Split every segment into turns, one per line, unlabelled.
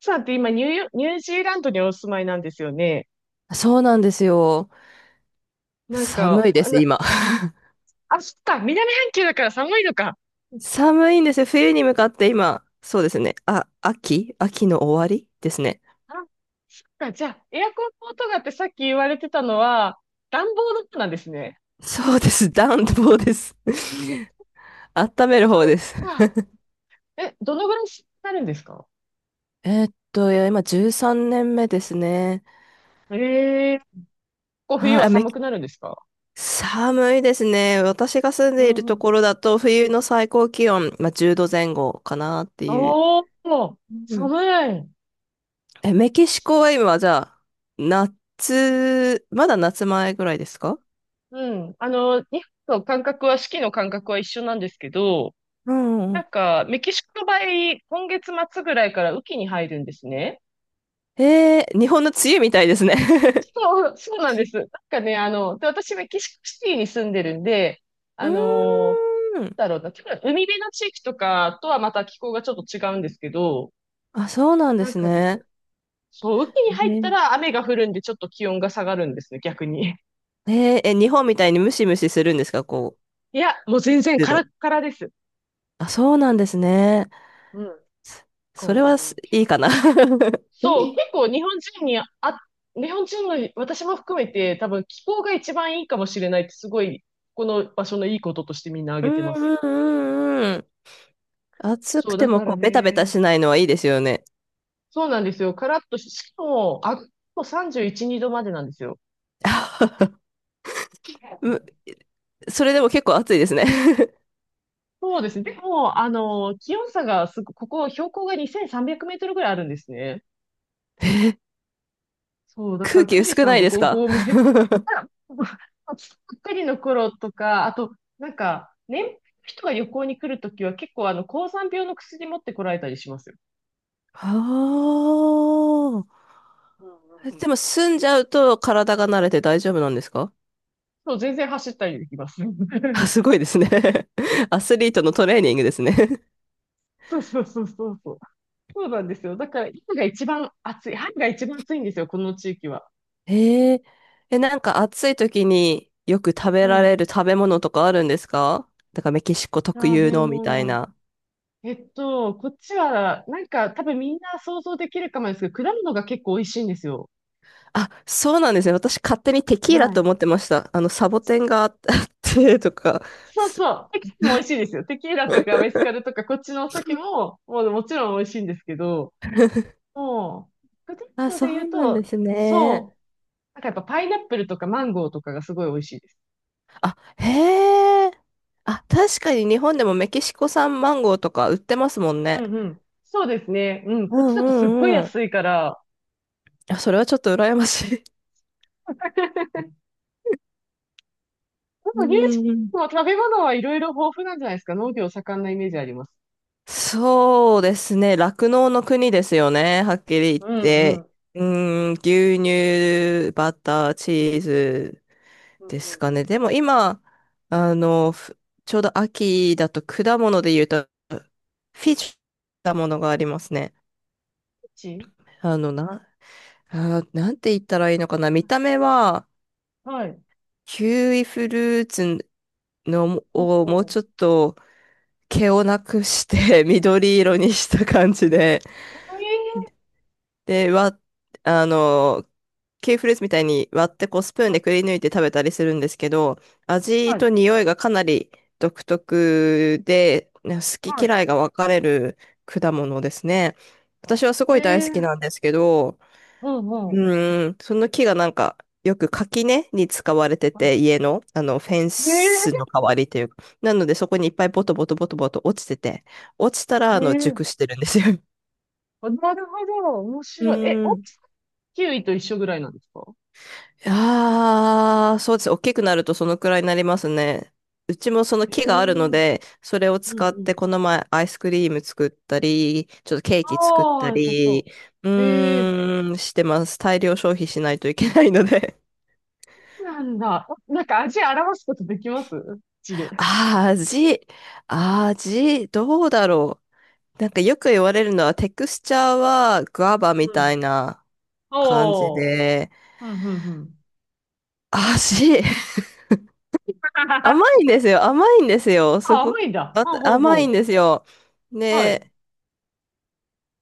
さんって今ニュージーランドにお住まいなんですよね。
そうなんですよ。
なん
寒
か、
いで
あ
す、
の、
今。
あ、そっか、南半球だから寒いのか。
寒いんですよ。冬に向かって今。そうですね。あ、秋の終わりですね。
あ、そっか、じゃあ、エアコンの音がってさっき言われてたのは、暖房の音なんですね。
そうです。暖房です。温める
そ
方
っ
です。
か。え、どのぐらいになるんですか？
いや、今13年目ですね。
ええ、こう冬
はい、
は寒くなるんですか？
寒いですね。私が住ん
う
でいる
んう
と
ん。
ころだと、冬の最高気温、まあ、10度前後かなっていう。
おー、
うん。
寒い。
え、メキシコは今、じゃあ、夏、まだ夏前ぐらいですか？
うん。日本と感覚は、四季の感覚は一緒なんですけど、
うんう
な
ん。
んか、メキシコの場合、今月末ぐらいから雨季に入るんですね。
えー、日本の梅雨みたいですね。
そう、そうなんです。なんかね、で私、メキシコシティに住んでるんで、あ
う
のー
ーん。
なんだろうな、結構海辺の地域とかとはまた気候がちょっと違うんですけど、
あ、そうなんで
なん
す
かで
ね。
す。そう、雨季に
え
入った
ー、
ら雨が降るんで、ちょっと気温が下がるんですね、逆に。
えーえ日本みたいにムシムシするんですか、こう、
いや、もう全然
湿
カラッ
度。
カラです。
あ、そうなんですね。
うん。だ
そ
か
そ
ら
れ
ね、
はすいいかな。
そう、結 構日本人の私も含めて多分気候が一番いいかもしれないってすごい、この場所のいいこととしてみんな
う
挙げてます。
んうんうんうん。暑
そ
く
う、
て
だ
も
か
こ
ら
う、ベタベタ
ね。
しないのはいいですよね。
そうなんですよ。カラッとし、しかも、あ、もう31、2度までなんですよ。
むそれでも結構暑いですね。
そうですね。でも、気温差がすご、ここ標高が2300メートルぐらいあるんですね。
えー、
そう、だか
空
ら
気
富士
薄く
山
ない
の
です
5
か？
合目 ばっかりの頃とか、あと、なんか、年配の人が旅行に来るときは結構高山病の薬持ってこられたりしますよ。
ああ。
うんうんう
えでも
ん。
住んじゃうと体が慣れて大丈夫なんですか？
そう、全然走ったりできます。
あ、すごいですね。アスリートのトレーニングですね。
そうそうそうそうそう。そうなんですよ。だから、今が一番暑い。春が一番暑いんですよ、この地域は。
えー、え、なんか暑い時によく食べら
はい。
れる食べ物とかあるんですか？だからメキシコ特
食
有
べ
のみたい
物。
な。
こっちは、なんか、多分みんな想像できるかもですけど、果物が結構美味しいんですよ。
あ、そうなんですね。私勝手にテキーラ
は
と
い。
思ってました。あの、サボテンがあっ あってとか。
そう
す
そう。テキスも美味しいですよ。テキーラとかメスカルとかこっちのお酒も、もうもちろん美味しいんですけど、もう、果
あ、
物
そ
で言
う
う
なん
と、
ですね。
そう。なんかやっぱパイナップルとかマンゴーとかがすごい美味しいです。
あ、へえ。あ、確かに日本でもメキシコ産マンゴーとか売ってますもん
う
ね。
んうん。そうですね。うん。
う
こっち
んう
だとすっごい
んうん。
安いから。
あ、それはちょっと羨ましい。
でも、
う
ニュージ
んうん。
ーランドは食べ物はいろいろ豊富なんじゃないですか。農業盛んなイメージあります。
そうですね。酪農の国ですよね。はっきり言っ
うんう
て。
ん。
うーん、牛乳、バター、チーズ
うん
で
うんう
す
ん。
かね。
こ
でも今、あの、ふちょうど秋だと果物で言うと、フィッシュ果物がありますね。
っち
あの、な、あー、なんて言ったらいいのかな。見た目は、
はい。
キウイフルーツの、
ほう
をもう
ほう。
ちょっと、毛をなくして 緑色にした感じで、
ええ、
で、わ、あの、キウイフルーツみたいに割ってこうスプーンでくり抜いて食べたりするんですけど、味
はい。
と匂いがかなり独特で、ね好き
はい。
嫌いが分かれる果物ですね。私はすごい
え
大好き
え、
なんですけど、
ほうんう
うん、その木がなんか、よく垣根に使われて
ん。
て、家の、あの、フェン
え
ス
え
の代わりというか。なので、そこにいっぱいボトボトボトボト落ちてて、落ちたら、あの、
え
熟
え、
してるんですよ。
あ、なるほど。面
う
白い。え、大
ん。
きさ、キウイと一緒ぐらいなんですか？
ああ、そうです。大きくなるとそのくらいになりますね。うちもその
ええ、う
木があるの
ん
で、それを
う
使って
ん。
この前アイスクリーム作ったり、ちょっとケーキ作っ
ああ、
た
良さそ
り、う
う。ええ、
ーん、してます。大量消費しないといけないので、
そうなんだ。お、なんか味表すことできます口で？
あー、味、どうだろう。なんかよく言われるのは、テクスチャーはグアバみ
う
た
ん。
いな感じ
おー。
で、
うん、うん、うん。
味、甘 いんですよ。甘いんですよ。す
あ、
ご
甘い
く、
んだ。
あ
ほうほうほ
甘
う。
いんですよ。
はい。
で、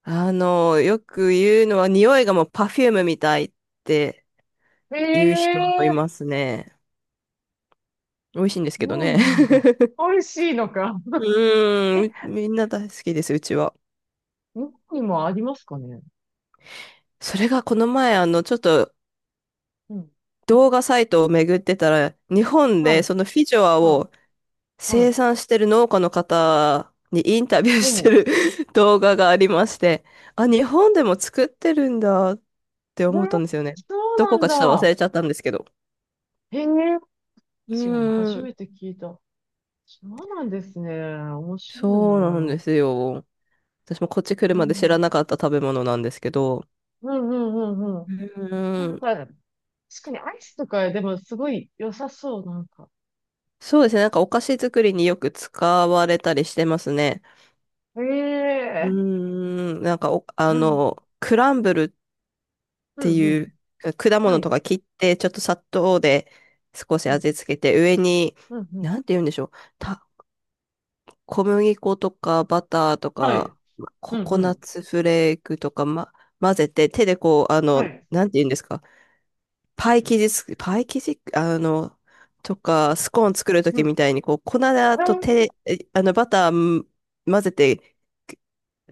あの、よく言うのは、匂いがもうパフュームみたいって
え
言う人もいま
え、
すね。美味しいんですけど
そう
ね。
なんだ。美味しいのか。
うーん、
え、
みんな大好きです、うちは。
日本にもありますかね？
それがこの前、あの、ちょっと
うん。
動画サイトを巡ってたら、日本
は
で
い。
そのフィジョア
は
を
い。はい。
生産してる農家の方にインタビューし
ほ
て
う。
る 動画がありまして、あ、日本でも作ってるんだって
えー、
思ったんですよね。
そう
どこ
なん
かちょっと忘
だ。
れちゃったんですけど。
へえ、
う
私は初
ーん、
めて聞いた。そうなんですね。面白い
そうなんで
な。
すよ。私もこっち来るまで知らなかった食べ物なんですけど。
うんうんうんうんうん。
う
な
ー
ん
ん、
か、確かにアイスとかでもすごい良さそう、なんか。
そうですね。なんかお菓子作りによく使われたりしてますね。
へ
うー
え、
ん、なんかお、あ
なん、
の、クランブルっ
う
て
んう
い
ん。
う、果
は
物と
い。
か切って、ちょっと砂糖で少し
うん、
味付けて、上に、
うん、うん。
なんて言うんでしょう。た、小麦粉とかバターと
はい。
か、ま
う
コ
ん、
コ
う
ナッ
ん。
ツフレークとか、ま、混ぜて、手でこう、あの、
はい。
なんて言うんですか。パイ生地、あの、とか、スコーン作ると
う
きみ
ん。
たいに、こう、粉
は
と
い。
手、えあの、バターん混ぜて、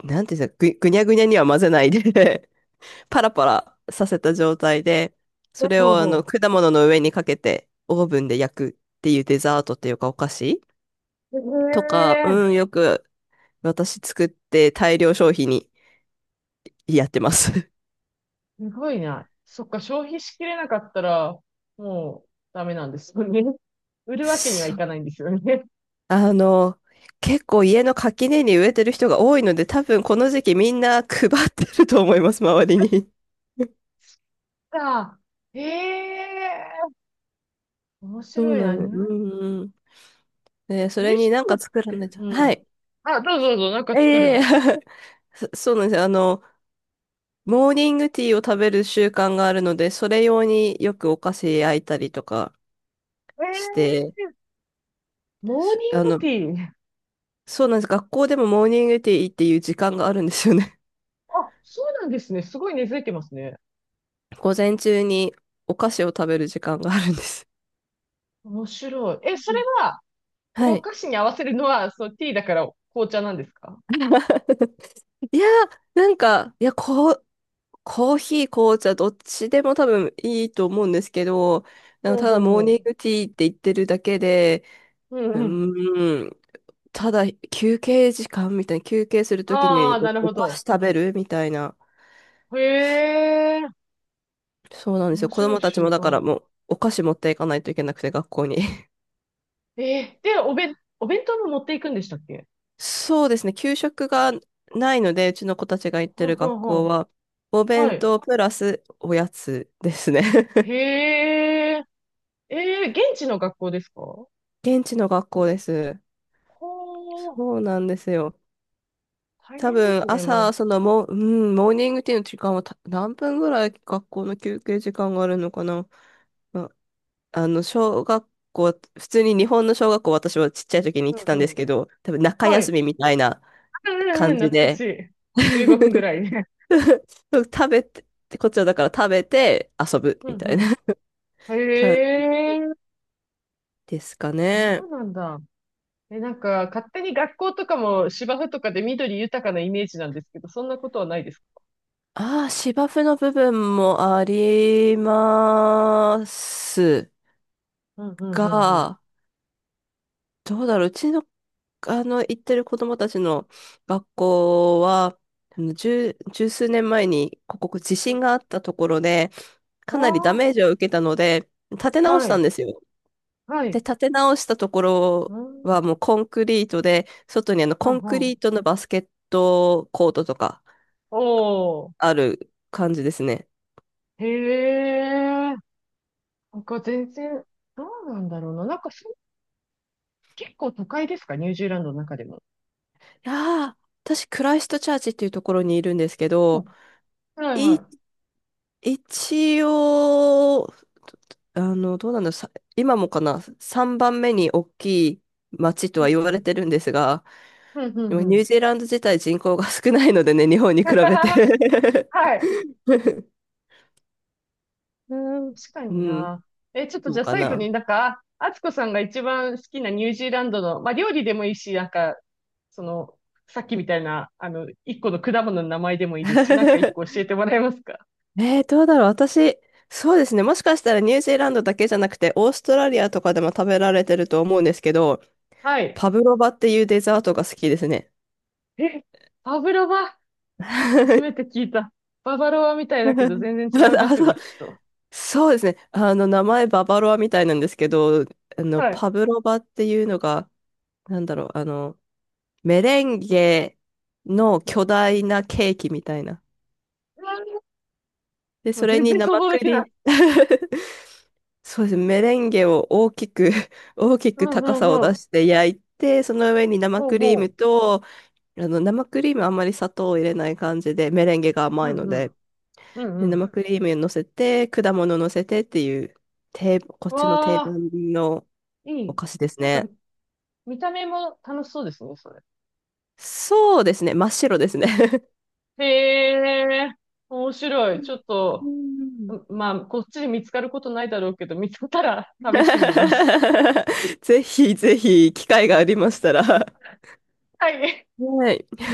なんていうんですか、ぐにゃぐにゃには混ぜないでパラパラさせた状態で、
ほ
それ
う
をあの
ほ
果物の上にかけてオーブンで焼くっていうデザートっていうかお菓子
う。
とか、
へえ、
うん、よく私作って大量消費にやってます。
すごいな。そっか、消費しきれなかったら、もう、ダメなんですよね。売 るわけには
そ
いかないんですよね。
あの、結構家の垣根に植えてる人が多いので、多分この時期みんな配ってると思います、周りに。
か。ええー、面
そう
白い
な
な。
のよ。うんうん。で、そ
ニュ
れ
ー
に
ジ
なん
ーラ
か
ン
作らないと。
ドって、う
は
ん。
い。
あ、どうぞどうぞ、なんか作る
え
ん
え。
で。
そうなんですよ。あの、モーニングティーを食べる習慣があるので、それ用によくお菓子焼いたりとか
え
して、
えー、モー
あの、
ニングティー。
そうなんです。学校でもモーニングティーっていう時間があるんですよね。
あ、そうなんですね。すごい根付いてますね。
午前中にお菓子を食べる時間があるんです。
面白い。え、そ
う
れ
ん、
は、
は
お
い。
菓子に合わせるのは、そう、ティーだから紅茶なんですか？
いやー、なんか、いや、こう、コーヒー、紅茶、どっちでも多分いいと思うんですけど、なん
ほ
か
う
ただ
ほう
モーニン
ほ
グティーって言ってるだけで、
う。う
う
んうん。
ーん、ただ休憩時間みたいな、休憩するとき
あ
に
あ、なる
お
ほ
菓子
ど。
食べるみたいな。
へえ、
そうなんです
面
よ。子
白
供
い
たち
習
もだから
慣。
もうお菓子持っていかないといけなくて学校に。
で、おべん、お弁当も持っていくんでしたっけ？
そうですね。給食がないので、うちの子たちが行って
ほう
る
ほう
学
ほ
校
う。
は、お
は
弁
い。
当プラスおやつですね。
へえ、ええ、現地の学校ですか？ほ
現地の学校です。
ー、
そうなんですよ。
大
多
変で
分
すね、
朝、そのもう、うん、モーニングティーの時間は何分ぐらい学校の休憩時間があるのかな。ま、あの、小学校、普通に日本の小学校、私はちっちゃい時に
う
行って
ん
たん
う
です
ん。
けど、多分中
は
休
い。
みみたいな
うんう
感
んうん、
じ
懐かし
で、
い。15分ぐら いね。
食べて、こっちはだから食べて遊ぶ
う
み
んう
たいな
ん。
感じ
へえ、
ですか
そ
ね。
うなんだ。え、なんか、勝手に学校とかも芝生とかで緑豊かなイメージなんですけど、そんなことはないですか？
ああ、芝生の部分もあります
うんうんうんうん。
が、どうだろう、うちの、あの、行ってる子供たちの学校は、あの、十数年前に、ここ地
う
震
ん、
があったところで、かなりダ
あ
メージを受けたので、立て
あ、
直し
は
たん
い、
ですよ。
は
で、
い。
立て直したところ
うん、
はもうコンクリートで、外にあの
は
コ
ん
ン
は
クリー
ん。
トのバスケットコートとか
おー、
ある感じですね。
へえ、なんか全然、どうなんだろうな。なんかそ結構都会ですか、ニュージーランドの中でも？
いやー、私、クライストチャーチっていうところにいるんですけ
う
ど、
ん。はいは
い、
い、
一応、あの、どうなんだろう、今もかな、3番目に大きい街と
う
は
ん
言
う
わ
ん。
れてるんですが、
うんう
で
ん
も
う
ニュー
ん。
ジーランド自体人口が少ないのでね、日本に比べて。
はい。
うん。
確かに
うん、
な。え、ちょっと
そ
じ
う
ゃあ
か
最後
な。
になんか、あつこさんが一番好きなニュージーランドの、まあ料理でもいいし、なんか、その、さっきみたいな、一個の果物の名前でもいいですし、なんか一個教え てもらえますか？
えー、どうだろう。私、そうですね。もしかしたらニュージーランドだけじゃなくて、オーストラリアとかでも食べられてると思うんですけど、
はい。
パブロバっていうデザートが好きですね。
え、バブロバ、初めて 聞いた。ババロアみたいだけど全然違いま
あ、
すよ
そ
ね、
う、
きっと。
そうですね。あの、名前ババロアみたいなんですけど、あの、
はい。
パブロバっていうのが、なんだろう、あの、メレンゲの
うん、
巨大なケーキみたいな。で、
もう
それ
全
に
然想
生
像で
ク
きない。
リーム。 そうですね。メレンゲを大きく 大き
う
く
んう
高
ん
さを
う
出
ん。
して焼いて、その上に生
ほう
クリーム
ほ
と、あの、生クリームあんまり砂糖を入れない感じで、メレンゲが
う。
甘
う
い
ん
の
う
で、
ん。うんう
で、
ん。
生クリーム乗せて、果物乗せてっていう、こっちの定
わあ、
番の
い
お
い。
菓子です
なんか、
ね。
見た目も楽しそうですね、それ。
そうですね。真っ白ですね。
へえ、面白い。ちょっ
う
と、
ん。
まあ、こっちで見つかることないだろうけど、見つかったら試してみます。
ぜひぜひ、機会がありましたら。
はい。
はい。